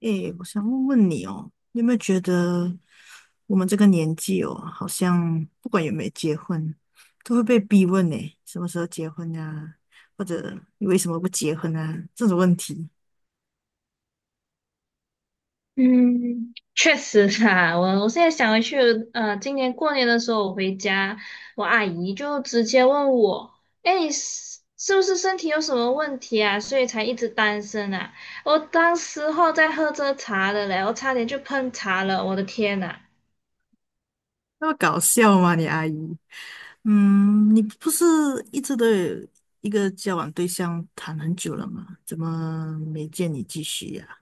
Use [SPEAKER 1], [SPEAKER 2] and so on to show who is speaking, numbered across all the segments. [SPEAKER 1] 诶，我想问问你哦，你有没有觉得我们这个年纪哦，好像不管有没有结婚，都会被逼问呢，什么时候结婚呀、或者你为什么不结婚啊？这种问题，
[SPEAKER 2] 嗯，确实啊，我现在想回去，今年过年的时候我回家，我阿姨就直接问我，哎，你是不是身体有什么问题啊？所以才一直单身啊？我当时候在喝着茶的嘞，我差点就喷茶了，我的天呐，
[SPEAKER 1] 那么搞笑吗？你阿姨，嗯，你不是一直都有一个交往对象谈很久了吗？怎么没见你继续呀、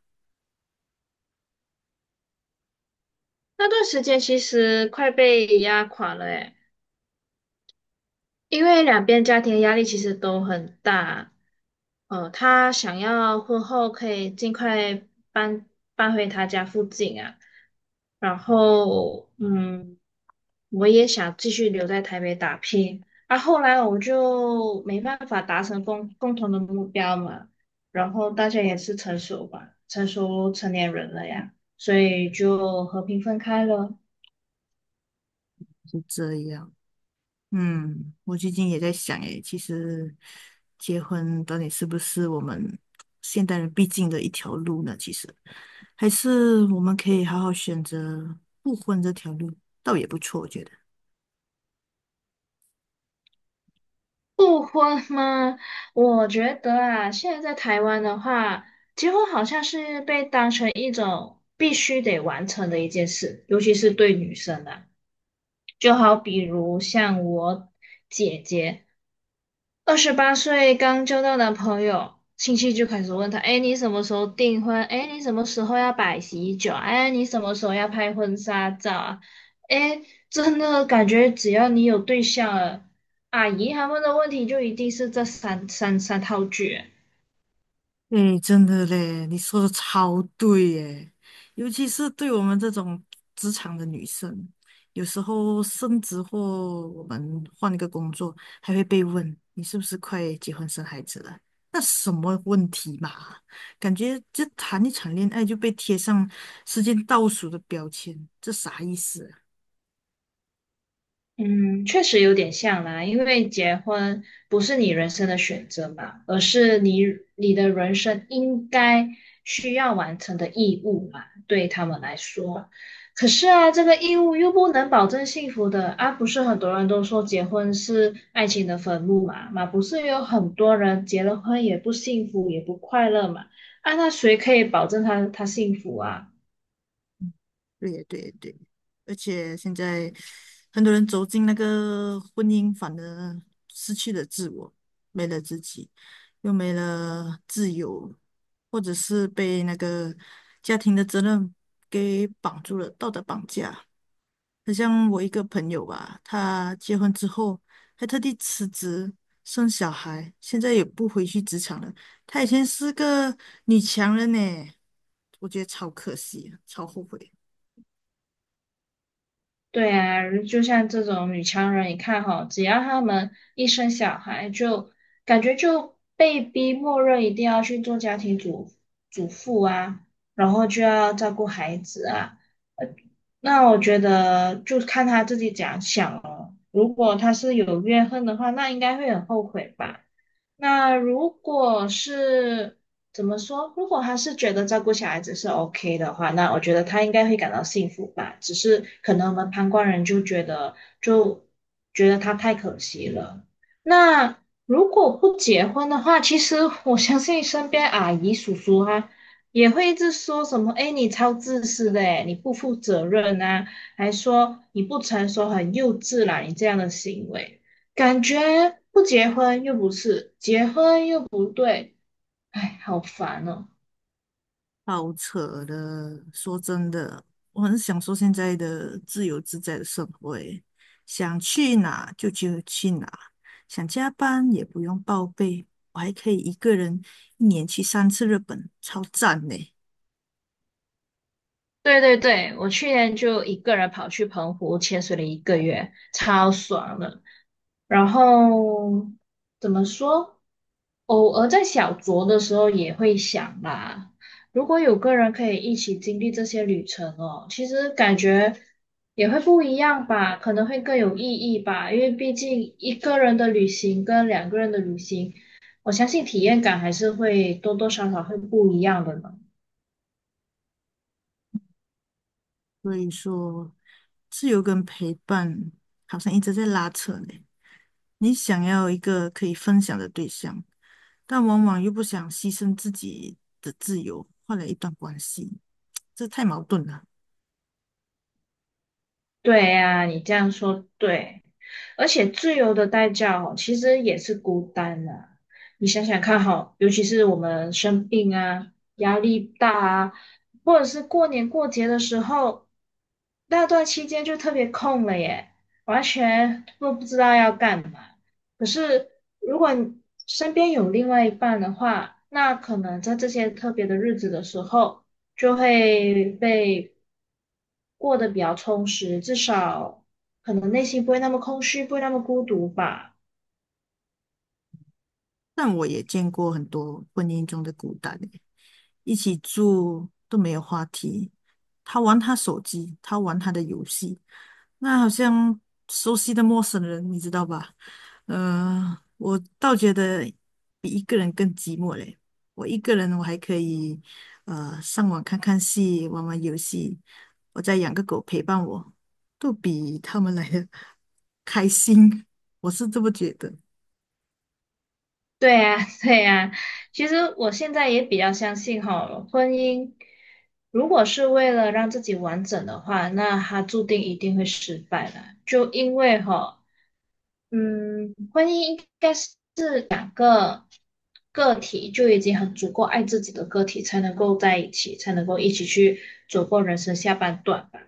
[SPEAKER 2] 那段时间其实快被压垮了诶。因为两边家庭的压力其实都很大，他想要婚后可以尽快搬搬回他家附近啊，然后嗯，我也想继续留在台北打拼，啊，后来我们就没办法达成共同的目标嘛，然后大家也是成熟吧，成熟成年人了呀，所以就和平分开了。
[SPEAKER 1] 是这样。嗯，我最近也在想，诶，其实结婚到底是不是我们现代人必经的一条路呢？其实，还是我们可以好好选择不婚这条路，倒也不错，我觉得。
[SPEAKER 2] 复婚吗？我觉得啊，现在在台湾的话，结婚好像是被当成一种必须得完成的一件事，尤其是对女生啊。就好比如像我姐姐，二十八岁刚交到男朋友，亲戚就开始问他："哎，你什么时候订婚？哎，你什么时候要摆喜酒？哎，你什么时候要拍婚纱照啊？"哎，真的感觉只要你有对象了，阿姨他们的问题就一定是这三套句。
[SPEAKER 1] 哎，真的嘞，你说的超对耶，尤其是对我们这种职场的女生，有时候升职或我们换一个工作，还会被问你是不是快结婚生孩子了？那什么问题嘛？感觉就谈一场恋爱就被贴上时间倒数的标签，这啥意思啊？
[SPEAKER 2] 嗯，确实有点像啦，因为结婚不是你人生的选择嘛，而是你的人生应该需要完成的义务嘛，对他们来说。可是啊，这个义务又不能保证幸福的啊，不是很多人都说结婚是爱情的坟墓嘛，不是有很多人结了婚也不幸福也不快乐嘛，啊，那谁可以保证他幸福啊？
[SPEAKER 1] 对对对，而且现在很多人走进那个婚姻，反而失去了自我，没了自己，又没了自由，或者是被那个家庭的责任给绑住了，道德绑架。很像我一个朋友吧，他结婚之后还特地辞职生小孩，现在也不回去职场了。她以前是个女强人呢，我觉得超可惜，超后悔。
[SPEAKER 2] 对啊，就像这种女强人，你看哈，只要她们一生小孩就，感觉就被逼默认一定要去做家庭主妇啊，然后就要照顾孩子啊。呃那我觉得就看她自己怎样想哦。如果她是有怨恨的话，那应该会很后悔吧。那如果是怎么说？如果他是觉得照顾小孩子是 OK 的话，那我觉得他应该会感到幸福吧。只是可能我们旁观人就觉得，就觉得他太可惜了。那如果不结婚的话，其实我相信身边阿姨叔叔啊，也会一直说什么："哎，你超自私的，哎，你不负责任啊，还说你不成熟，很幼稚啦，你这样的行为。"感觉不结婚又不是，结婚又不对，哎，好烦哦。
[SPEAKER 1] 好扯的，说真的，我很享受现在的自由自在的生活欸，想去哪就去哪，想加班也不用报备，我还可以一个人一年去三次日本，超赞呢。
[SPEAKER 2] 对对对，我去年就一个人跑去澎湖潜水了一个月，超爽的。然后怎么说？偶尔在小酌的时候也会想啦，如果有个人可以一起经历这些旅程哦，其实感觉也会不一样吧，可能会更有意义吧，因为毕竟一个人的旅行跟两个人的旅行，我相信体验感还是会多多少少会不一样的呢。
[SPEAKER 1] 所以说，自由跟陪伴好像一直在拉扯呢。你想要一个可以分享的对象，但往往又不想牺牲自己的自由，换来一段关系，这太矛盾了。
[SPEAKER 2] 对呀，你这样说对，而且自由的代价哦，其实也是孤单的。你想想看哈，尤其是我们生病啊、压力大啊，或者是过年过节的时候，那段期间就特别空了耶，完全都不知道要干嘛。可是如果你身边有另外一半的话，那可能在这些特别的日子的时候。就会被过得比较充实，至少可能内心不会那么空虚，不会那么孤独吧。
[SPEAKER 1] 但我也见过很多婚姻中的孤单欸，一起住都没有话题，他玩他手机，他玩他的游戏，那好像熟悉的陌生人，你知道吧？我倒觉得比一个人更寂寞嘞。我一个人我还可以上网看看戏，玩玩游戏，我再养个狗陪伴我，都比他们来的 开心，我是这么觉得。
[SPEAKER 2] 对呀，对呀，其实我现在也比较相信哈，婚姻如果是为了让自己完整的话，那它注定一定会失败的，就因为哈，嗯，婚姻应该是两个个体就已经很足够爱自己的个体才能够在一起，才能够一起去走过人生下半段吧。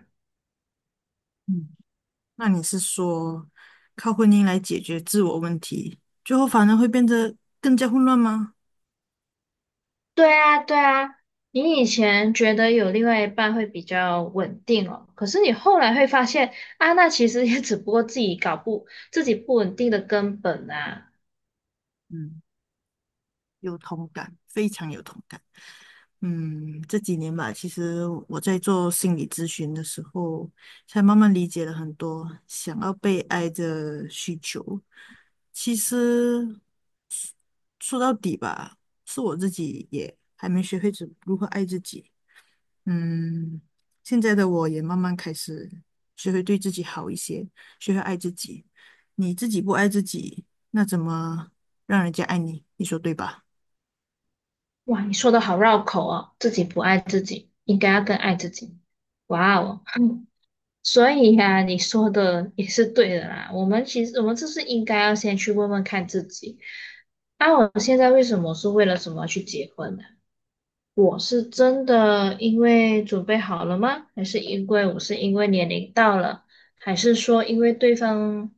[SPEAKER 1] 嗯，那你是说靠婚姻来解决自我问题，最后反而会变得更加混乱吗？
[SPEAKER 2] 对啊，对啊，你以前觉得有另外一半会比较稳定哦，可是你后来会发现啊，那其实也只不过自己搞不，自己不稳定的根本啊。
[SPEAKER 1] 嗯，有同感，非常有同感。嗯，这几年吧，其实我在做心理咨询的时候，才慢慢理解了很多想要被爱的需求。其实说到底吧，是我自己也还没学会怎如何爱自己。嗯，现在的我也慢慢开始学会对自己好一些，学会爱自己。你自己不爱自己，那怎么让人家爱你？你说对吧？
[SPEAKER 2] 哇，你说的好绕口哦，自己不爱自己，应该要更爱自己。哇哦，嗯 所以呀、你说的也是对的啦。我们其实就是应该要先去问问看自己，啊，我现在为什么是为了什么去结婚呢？我是真的因为准备好了吗？还是因为我是因为年龄到了？还是说因为对方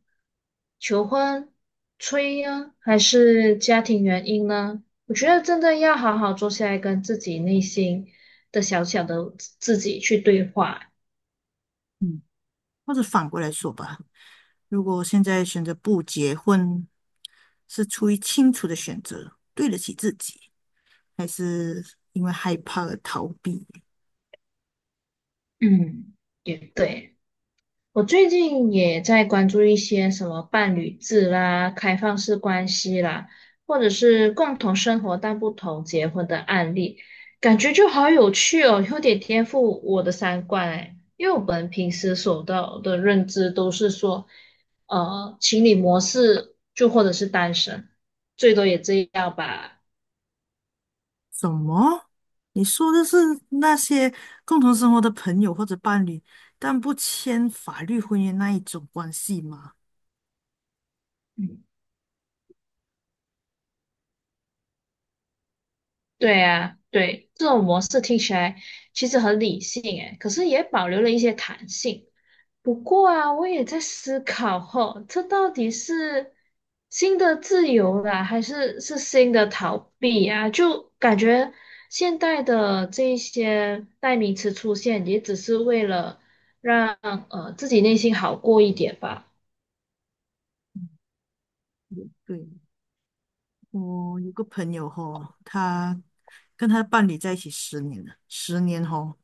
[SPEAKER 2] 求婚、催呀、还是家庭原因呢？我觉得真的要好好坐下来跟自己内心的小小的自己去对话。
[SPEAKER 1] 嗯，或者反过来说吧，如果现在选择不结婚，是出于清楚的选择，对得起自己，还是因为害怕而逃避？
[SPEAKER 2] 嗯，也对。我最近也在关注一些什么伴侣制啦、开放式关系啦，或者是共同生活但不同结婚的案例，感觉就好有趣哦，有点颠覆我的三观哎。因为我们平时所到的认知都是说，情侣模式就或者是单身，最多也这样吧。
[SPEAKER 1] 什么？你说的是那些共同生活的朋友或者伴侣，但不签法律婚姻那一种关系吗？
[SPEAKER 2] 嗯，对啊，对，这种模式听起来其实很理性哎，可是也保留了一些弹性。不过啊，我也在思考吼，这到底是新的自由啦，还是新的逃避啊？就感觉现代的这一些代名词出现，也只是为了让自己内心好过一点吧。
[SPEAKER 1] 也对，我有个朋友吼，他跟他的伴侣在一起十年了，十年吼，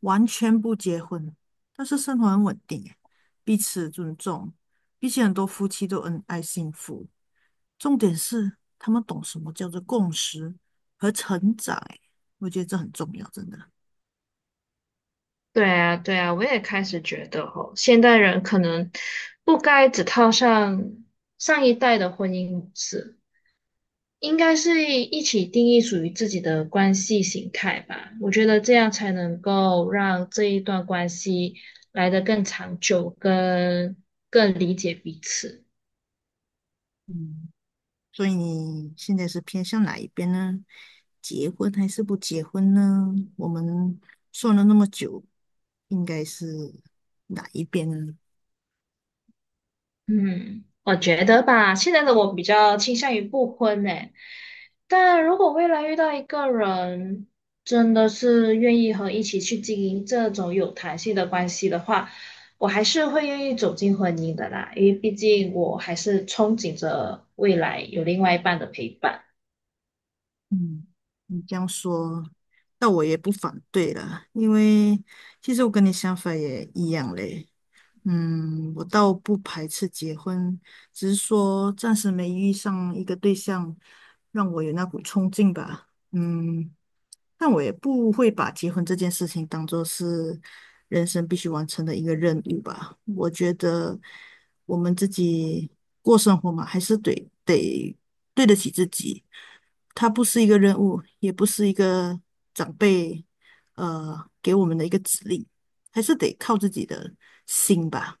[SPEAKER 1] 完全不结婚，但是生活很稳定诶，彼此尊重，比起很多夫妻都恩爱幸福。重点是他们懂什么叫做共识和成长诶，我觉得这很重要，真的。
[SPEAKER 2] 对啊，对啊，我也开始觉得吼，现代人可能不该只套上上一代的婚姻模式应该是一起定义属于自己的关系形态吧。我觉得这样才能够让这一段关系来得更长久，跟更理解彼此。
[SPEAKER 1] 嗯。所以你现在是偏向哪一边呢？结婚还是不结婚呢？我们算了那么久，应该是哪一边呢？
[SPEAKER 2] 嗯，我觉得吧，现在的我比较倾向于不婚呢。但如果未来遇到一个人，真的是愿意和一起去经营这种有弹性的关系的话，我还是会愿意走进婚姻的啦，因为毕竟我还是憧憬着未来有另外一半的陪伴。
[SPEAKER 1] 嗯，你这样说，那我也不反对了，因为其实我跟你想法也一样嘞。嗯，我倒不排斥结婚，只是说暂时没遇上一个对象，让我有那股冲劲吧。嗯，但我也不会把结婚这件事情当做是人生必须完成的一个任务吧。我觉得我们自己过生活嘛，还是得对得起自己。它不是一个任务，也不是一个长辈给我们的一个指令，还是得靠自己的心吧。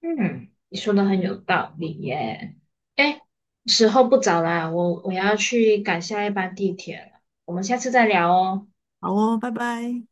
[SPEAKER 2] 嗯，你说的很有道理耶。哎，时候不早啦，我要去赶下一班地铁了，我们下次再聊哦。
[SPEAKER 1] 好哦，拜拜。